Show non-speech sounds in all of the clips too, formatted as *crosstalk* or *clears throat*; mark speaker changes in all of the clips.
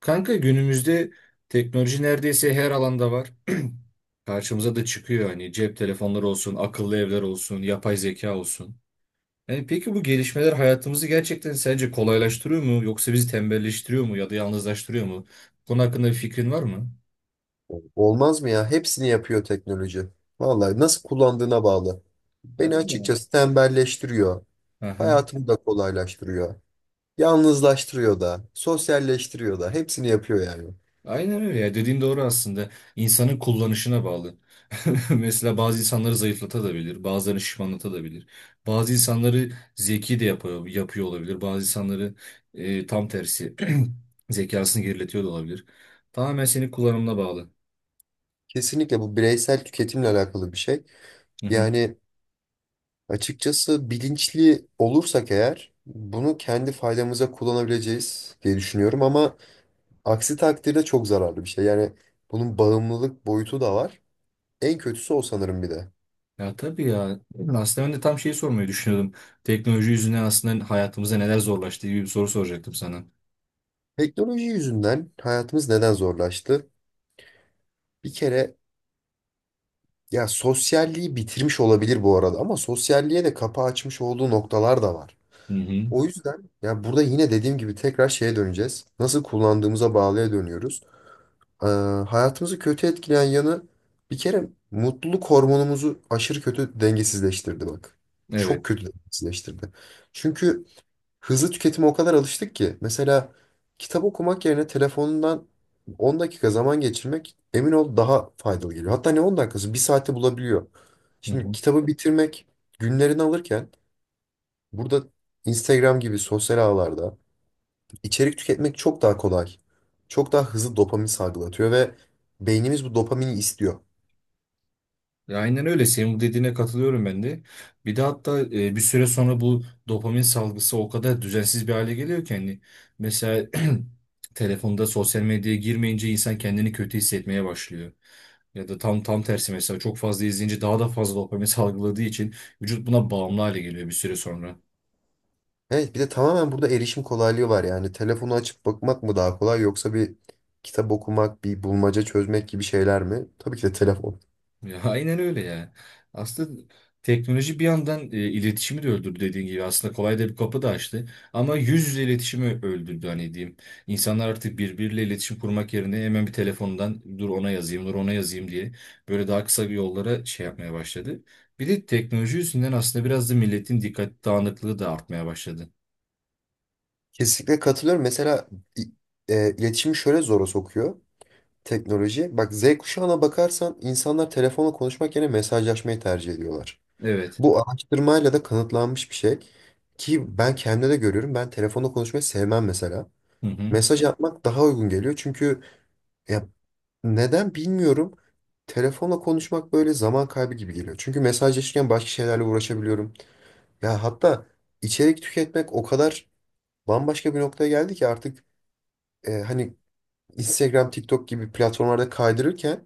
Speaker 1: Kanka günümüzde teknoloji neredeyse her alanda var. *clears throat* Karşımıza da çıkıyor hani cep telefonları olsun, akıllı evler olsun, yapay zeka olsun. Yani peki bu gelişmeler hayatımızı gerçekten sence kolaylaştırıyor mu yoksa bizi tembelleştiriyor mu ya da yalnızlaştırıyor mu? Bu konu hakkında bir fikrin var mı?
Speaker 2: Olmaz mı ya? Hepsini yapıyor teknoloji. Vallahi nasıl kullandığına bağlı.
Speaker 1: Ha,
Speaker 2: Beni
Speaker 1: değil mi?
Speaker 2: açıkçası tembelleştiriyor.
Speaker 1: Aha.
Speaker 2: Hayatımı da kolaylaştırıyor. Yalnızlaştırıyor da, sosyalleştiriyor da. Hepsini yapıyor yani.
Speaker 1: Aynen öyle ya, dediğin doğru aslında. İnsanın kullanışına bağlı. *laughs* Mesela bazı insanları zayıflatabilir, bazılarını şişmanlatabilir. Bazı insanları zeki de yapıyor, yapıyor olabilir. Bazı insanları tam tersi *clears throat* zekasını geriletiyor da olabilir. Tamamen senin kullanımına bağlı.
Speaker 2: Kesinlikle bu bireysel tüketimle alakalı bir şey.
Speaker 1: Hı hı.
Speaker 2: Yani açıkçası bilinçli olursak eğer bunu kendi faydamıza kullanabileceğiz diye düşünüyorum ama aksi takdirde çok zararlı bir şey. Yani bunun bağımlılık boyutu da var. En kötüsü o sanırım bir de.
Speaker 1: Ya tabii ya. Aslında ben de tam şeyi sormayı düşünüyordum. Teknoloji yüzünden aslında hayatımıza neler zorlaştı gibi bir soru soracaktım sana.
Speaker 2: Teknoloji yüzünden hayatımız neden zorlaştı? Bir kere ya sosyalliği bitirmiş olabilir bu arada ama sosyalliğe de kapı açmış olduğu noktalar da var.
Speaker 1: Hı hı.
Speaker 2: O yüzden ya burada yine dediğim gibi tekrar şeye döneceğiz. Nasıl kullandığımıza bağlıya dönüyoruz. Ee, hayatımızı kötü etkileyen yanı bir kere mutluluk hormonumuzu aşırı kötü dengesizleştirdi bak. Çok
Speaker 1: Evet.
Speaker 2: kötü dengesizleştirdi. Çünkü hızlı tüketime o kadar alıştık ki. Mesela kitap okumak yerine telefonundan 10 dakika zaman geçirmek emin ol daha faydalı geliyor. Hatta ne 10 dakikası bir saate bulabiliyor.
Speaker 1: Hı
Speaker 2: Şimdi
Speaker 1: hı.
Speaker 2: kitabı bitirmek günlerini alırken burada Instagram gibi sosyal ağlarda içerik tüketmek çok daha kolay. Çok daha hızlı dopamin salgılatıyor ve beynimiz bu dopamini istiyor.
Speaker 1: Ya aynen öyle. Senin bu dediğine katılıyorum ben de. Bir de hatta bir süre sonra bu dopamin salgısı o kadar düzensiz bir hale geliyor ki hani mesela *clears throat* telefonda sosyal medyaya girmeyince insan kendini kötü hissetmeye başlıyor. Ya da tam tersi mesela çok fazla izleyince daha da fazla dopamin *laughs* salgıladığı için vücut buna bağımlı hale geliyor bir süre sonra.
Speaker 2: Evet bir de tamamen burada erişim kolaylığı var yani. Telefonu açıp bakmak mı daha kolay yoksa bir kitap okumak, bir bulmaca çözmek gibi şeyler mi? Tabii ki de telefon.
Speaker 1: Ya, *laughs* aynen öyle ya. Aslında teknoloji bir yandan iletişimi de öldürdü dediğin gibi. Aslında kolay da bir kapı da açtı. Ama yüz yüze iletişimi öldürdü hani, diyeyim. İnsanlar artık birbiriyle iletişim kurmak yerine hemen bir telefondan dur ona yazayım, dur ona yazayım diye böyle daha kısa bir yollara şey yapmaya başladı. Bir de teknoloji yüzünden aslında biraz da milletin dikkat dağınıklığı da artmaya başladı.
Speaker 2: Kesinlikle katılıyorum. Mesela i- iletişimi şöyle zora sokuyor teknoloji. Bak Z kuşağına bakarsan insanlar telefonla konuşmak yerine mesajlaşmayı tercih ediyorlar.
Speaker 1: Evet.
Speaker 2: Bu araştırmayla da kanıtlanmış bir şey. Ki ben kendimde de görüyorum. Ben telefonla konuşmayı sevmem mesela.
Speaker 1: Hı hı.
Speaker 2: Mesaj atmak daha uygun geliyor. Çünkü ya neden bilmiyorum. Telefonla konuşmak böyle zaman kaybı gibi geliyor. Çünkü mesajlaşırken başka şeylerle uğraşabiliyorum. Ya hatta içerik tüketmek o kadar bambaşka bir noktaya geldi ki artık hani Instagram, TikTok gibi platformlarda kaydırırken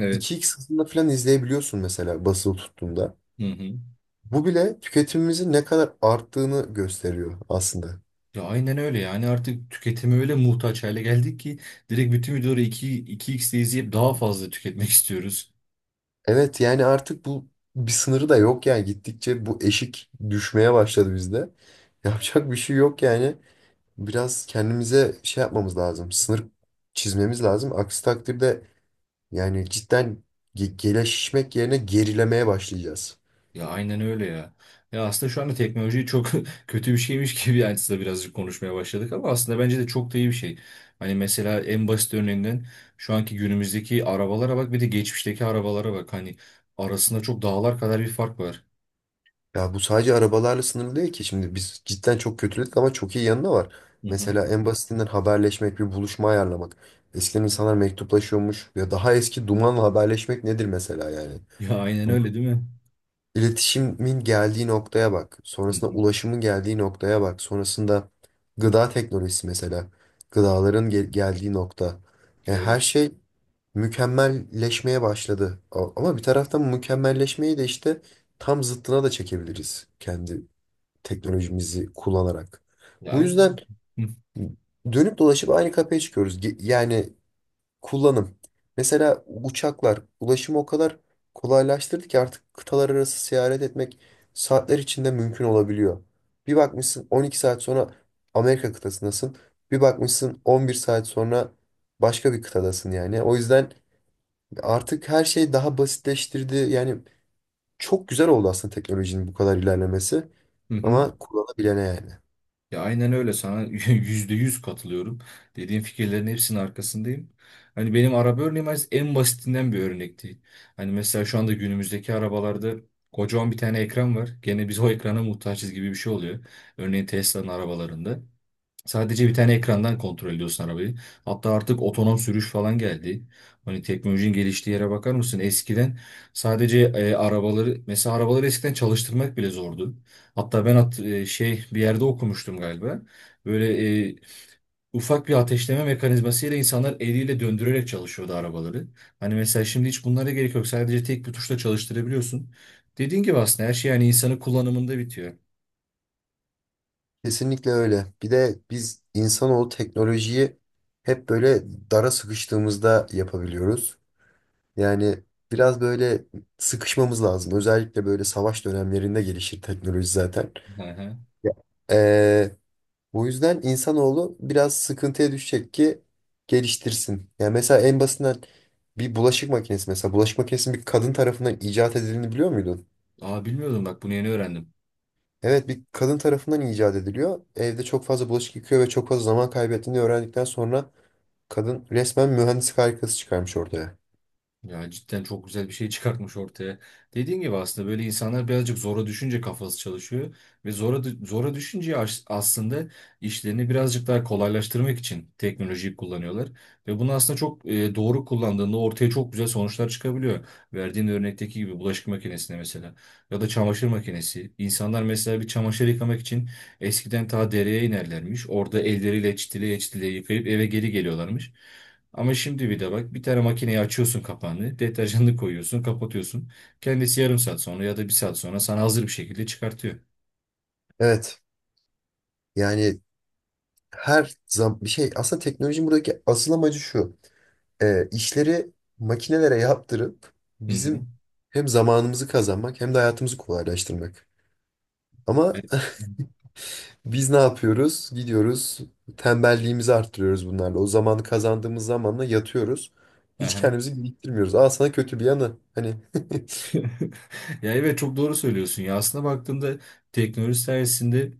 Speaker 1: Evet.
Speaker 2: 2x hızında falan izleyebiliyorsun mesela basılı tuttuğunda.
Speaker 1: Hı hı.
Speaker 2: Bu bile tüketimimizin ne kadar arttığını gösteriyor aslında.
Speaker 1: Ya aynen öyle, yani artık tüketime öyle muhtaç hale geldik ki direkt bütün videoları 2x'de izleyip daha fazla tüketmek *laughs* istiyoruz.
Speaker 2: Evet yani artık bu bir sınırı da yok yani gittikçe bu eşik düşmeye başladı bizde. *laughs* Yapacak bir şey yok yani. Biraz kendimize şey yapmamız lazım. Sınır çizmemiz lazım. Aksi takdirde yani cidden gelişmek yerine gerilemeye başlayacağız.
Speaker 1: Ya aynen öyle ya. Ya, aslında şu anda teknoloji çok *laughs* kötü bir şeymiş gibi yani size birazcık konuşmaya başladık, ama aslında bence de çok da iyi bir şey. Hani mesela en basit örneğinden şu anki günümüzdeki arabalara bak, bir de geçmişteki arabalara bak. Hani arasında çok dağlar kadar bir fark var.
Speaker 2: Ya bu sadece arabalarla sınırlı değil ki. Şimdi biz cidden çok kötüledik ama çok iyi yanı da var.
Speaker 1: Hı hı. *laughs*
Speaker 2: Mesela en basitinden haberleşmek, bir buluşma ayarlamak. Eskiden insanlar mektuplaşıyormuş. Ya daha eski dumanla haberleşmek nedir mesela yani?
Speaker 1: Ya aynen öyle, değil mi?
Speaker 2: İletişimin geldiği noktaya bak.
Speaker 1: Hı
Speaker 2: Sonrasında
Speaker 1: hı.
Speaker 2: ulaşımın geldiği noktaya bak. Sonrasında gıda teknolojisi mesela. Gıdaların geldiği nokta. Yani her
Speaker 1: Evet.
Speaker 2: şey mükemmelleşmeye başladı. Ama bir taraftan mükemmelleşmeyi de işte tam zıttına da çekebiliriz. Kendi teknolojimizi kullanarak.
Speaker 1: Ya
Speaker 2: Bu yüzden
Speaker 1: aynen. Hı
Speaker 2: dönüp dolaşıp aynı kapıya çıkıyoruz. Yani kullanım. Mesela uçaklar ulaşımı o kadar kolaylaştırdı ki artık kıtalar arası seyahat etmek saatler içinde mümkün olabiliyor. Bir bakmışsın 12 saat sonra Amerika kıtasındasın. Bir bakmışsın 11 saat sonra başka bir kıtadasın yani. O yüzden artık her şey daha basitleştirdi. Yani çok güzel oldu aslında teknolojinin bu kadar ilerlemesi.
Speaker 1: hı.
Speaker 2: Ama kullanabilene yani.
Speaker 1: Ya aynen öyle, sana *laughs* %100 katılıyorum. Dediğin fikirlerin hepsinin arkasındayım. Hani benim araba örneğim en basitinden bir örnekti. Hani mesela şu anda günümüzdeki arabalarda kocaman bir tane ekran var. Gene biz o ekrana muhtaçız gibi bir şey oluyor. Örneğin Tesla'nın arabalarında. Sadece bir tane ekrandan kontrol ediyorsun arabayı. Hatta artık otonom sürüş falan geldi. Hani teknolojinin geliştiği yere bakar mısın? Eskiden sadece mesela arabaları eskiden çalıştırmak bile zordu. Hatta ben şey bir yerde okumuştum galiba. Böyle ufak bir ateşleme mekanizmasıyla insanlar eliyle döndürerek çalışıyordu arabaları. Hani mesela şimdi hiç bunlara gerek yok. Sadece tek bir tuşla çalıştırabiliyorsun. Dediğin gibi aslında her şey yani insanın kullanımında bitiyor.
Speaker 2: Kesinlikle öyle. Bir de biz insanoğlu teknolojiyi hep böyle dara sıkıştığımızda yapabiliyoruz. Yani biraz böyle sıkışmamız lazım. Özellikle böyle savaş dönemlerinde gelişir teknoloji zaten.
Speaker 1: Hı hı.
Speaker 2: Ya. Ee, bu yüzden insanoğlu biraz sıkıntıya düşecek ki geliştirsin. Yani mesela en basitinden bir bulaşık makinesi mesela bulaşık makinesinin bir kadın tarafından icat edildiğini biliyor muydun?
Speaker 1: Aa, bilmiyordum bak, bunu yeni öğrendim.
Speaker 2: Evet bir kadın tarafından icat ediliyor. Evde çok fazla bulaşık yıkıyor ve çok fazla zaman kaybettiğini öğrendikten sonra kadın resmen mühendislik harikası çıkarmış ortaya.
Speaker 1: Ya cidden çok güzel bir şey çıkartmış ortaya. Dediğin gibi aslında böyle insanlar birazcık zora düşünce kafası çalışıyor ve zora zora düşünce aslında işlerini birazcık daha kolaylaştırmak için teknolojiyi kullanıyorlar ve bunu aslında çok doğru kullandığında ortaya çok güzel sonuçlar çıkabiliyor. Verdiğin örnekteki gibi bulaşık makinesine, mesela ya da çamaşır makinesi. İnsanlar mesela bir çamaşır yıkamak için eskiden ta dereye inerlermiş. Orada elleriyle çitileye çitileye yıkayıp eve geri geliyorlarmış. Ama şimdi bir de bak, bir tane makineyi açıyorsun, kapağını, deterjanını koyuyorsun, kapatıyorsun. Kendisi yarım saat sonra ya da bir saat sonra sana hazır bir şekilde çıkartıyor.
Speaker 2: Evet. Yani her zaman bir şey aslında teknolojinin buradaki asıl amacı şu. İşleri makinelere yaptırıp
Speaker 1: Hı hı.
Speaker 2: bizim hem zamanımızı kazanmak hem de hayatımızı kolaylaştırmak. Ama
Speaker 1: Yani...
Speaker 2: *laughs* biz ne yapıyoruz? Gidiyoruz tembelliğimizi arttırıyoruz bunlarla. O zamanı kazandığımız zamanla yatıyoruz. Hiç
Speaker 1: Aha.
Speaker 2: kendimizi geliştirmiyoruz. Aa sana kötü bir yanı. Hani.
Speaker 1: *laughs* Ya evet, çok doğru söylüyorsun ya. Aslında baktığımda teknoloji sayesinde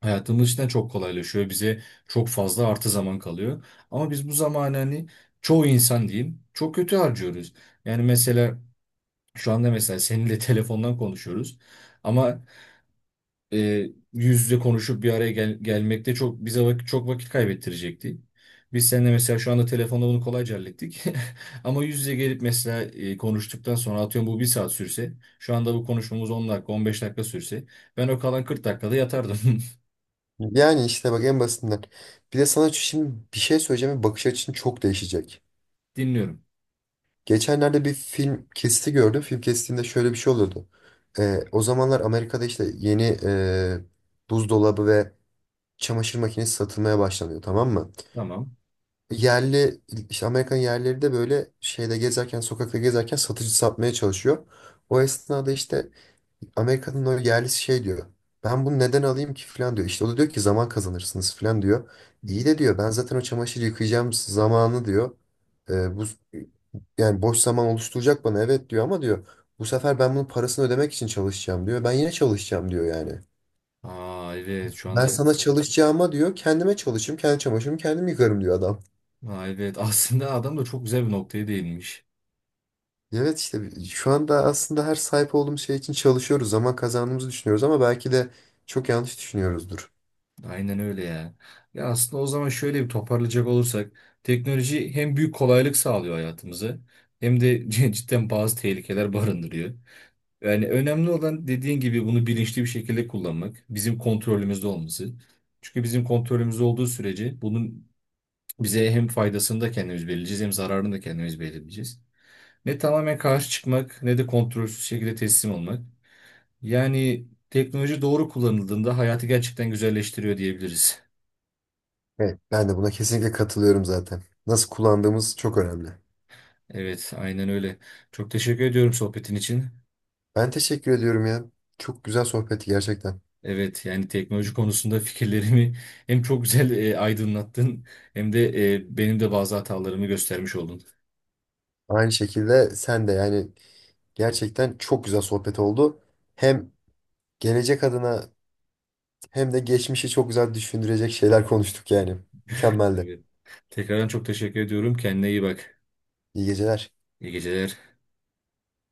Speaker 1: hayatımız içinden çok kolaylaşıyor. Bize çok fazla artı zaman kalıyor. Ama biz bu zamanı hani, çoğu insan diyeyim, çok kötü harcıyoruz. Yani mesela şu anda mesela seninle *laughs* telefondan konuşuyoruz. Ama yüz yüze konuşup bir araya gelmekte çok bize çok vakit kaybettirecekti. Biz seninle mesela şu anda telefonda bunu kolayca hallettik. *laughs* Ama yüz yüze gelip mesela konuştuktan sonra, atıyorum bu bir saat sürse, şu anda bu konuşmamız 10 dakika 15 dakika sürse, ben o kalan 40 dakikada yatardım. *laughs*
Speaker 2: *laughs* Yani işte bak en basitinden. Bir de sana şimdi bir şey söyleyeceğim ve bakış açın çok değişecek.
Speaker 1: Dinliyorum.
Speaker 2: Geçenlerde bir film kesti gördüm. Film kestiğinde şöyle bir şey oluyordu. O zamanlar Amerika'da işte yeni buzdolabı ve çamaşır makinesi satılmaya başlanıyor, tamam mı?
Speaker 1: Tamam.
Speaker 2: Yerli işte Amerikan yerlileri de böyle şeyde gezerken sokakta gezerken satıcı satmaya çalışıyor. O esnada işte Amerika'nın o yerlisi şey diyor. Ben bunu neden alayım ki falan diyor. İşte o da diyor ki zaman kazanırsınız falan diyor.
Speaker 1: Hı
Speaker 2: İyi
Speaker 1: hı.
Speaker 2: de diyor ben zaten o çamaşırı yıkayacağım zamanı diyor. Bu yani boş zaman oluşturacak bana evet diyor ama diyor bu sefer ben bunun parasını ödemek için çalışacağım diyor. Ben yine çalışacağım diyor yani.
Speaker 1: Aa evet, şu
Speaker 2: Ben
Speaker 1: anda.
Speaker 2: sana çalışacağıma diyor kendime çalışırım, kendi çamaşırımı kendim yıkarım diyor adam.
Speaker 1: Aa, evet, *laughs* aslında adam da çok güzel bir noktaya değinmiş.
Speaker 2: Evet işte şu anda aslında her sahip olduğumuz şey için çalışıyoruz zaman kazandığımızı düşünüyoruz ama belki de çok yanlış düşünüyoruzdur.
Speaker 1: Aynen öyle ya. Ya aslında o zaman şöyle bir toparlayacak olursak, teknoloji hem büyük kolaylık sağlıyor hayatımıza, hem de *laughs* cidden bazı tehlikeler barındırıyor. Yani önemli olan, dediğin gibi, bunu bilinçli bir şekilde kullanmak, bizim kontrolümüzde olması. Çünkü bizim kontrolümüzde olduğu sürece bunun bize hem faydasını da kendimiz belirleyeceğiz, hem zararını da kendimiz belirleyeceğiz. Ne tamamen karşı çıkmak, ne de kontrolsüz şekilde teslim olmak. Yani teknoloji doğru kullanıldığında hayatı gerçekten güzelleştiriyor, diyebiliriz.
Speaker 2: Evet. Ben de buna kesinlikle katılıyorum zaten. Nasıl kullandığımız çok önemli.
Speaker 1: Evet, aynen öyle. Çok teşekkür ediyorum sohbetin için.
Speaker 2: Ben teşekkür ediyorum ya. Çok güzel sohbetti gerçekten.
Speaker 1: Evet, yani teknoloji konusunda fikirlerimi *laughs* hem çok güzel aydınlattın, hem de benim de bazı hatalarımı göstermiş oldun.
Speaker 2: Aynı şekilde sen de yani gerçekten çok güzel sohbet oldu. Hem gelecek adına hem de geçmişi çok güzel düşündürecek şeyler konuştuk yani.
Speaker 1: *laughs*
Speaker 2: Mükemmeldi.
Speaker 1: Evet. Tekrardan çok teşekkür ediyorum. Kendine iyi bak.
Speaker 2: İyi geceler.
Speaker 1: İyi geceler.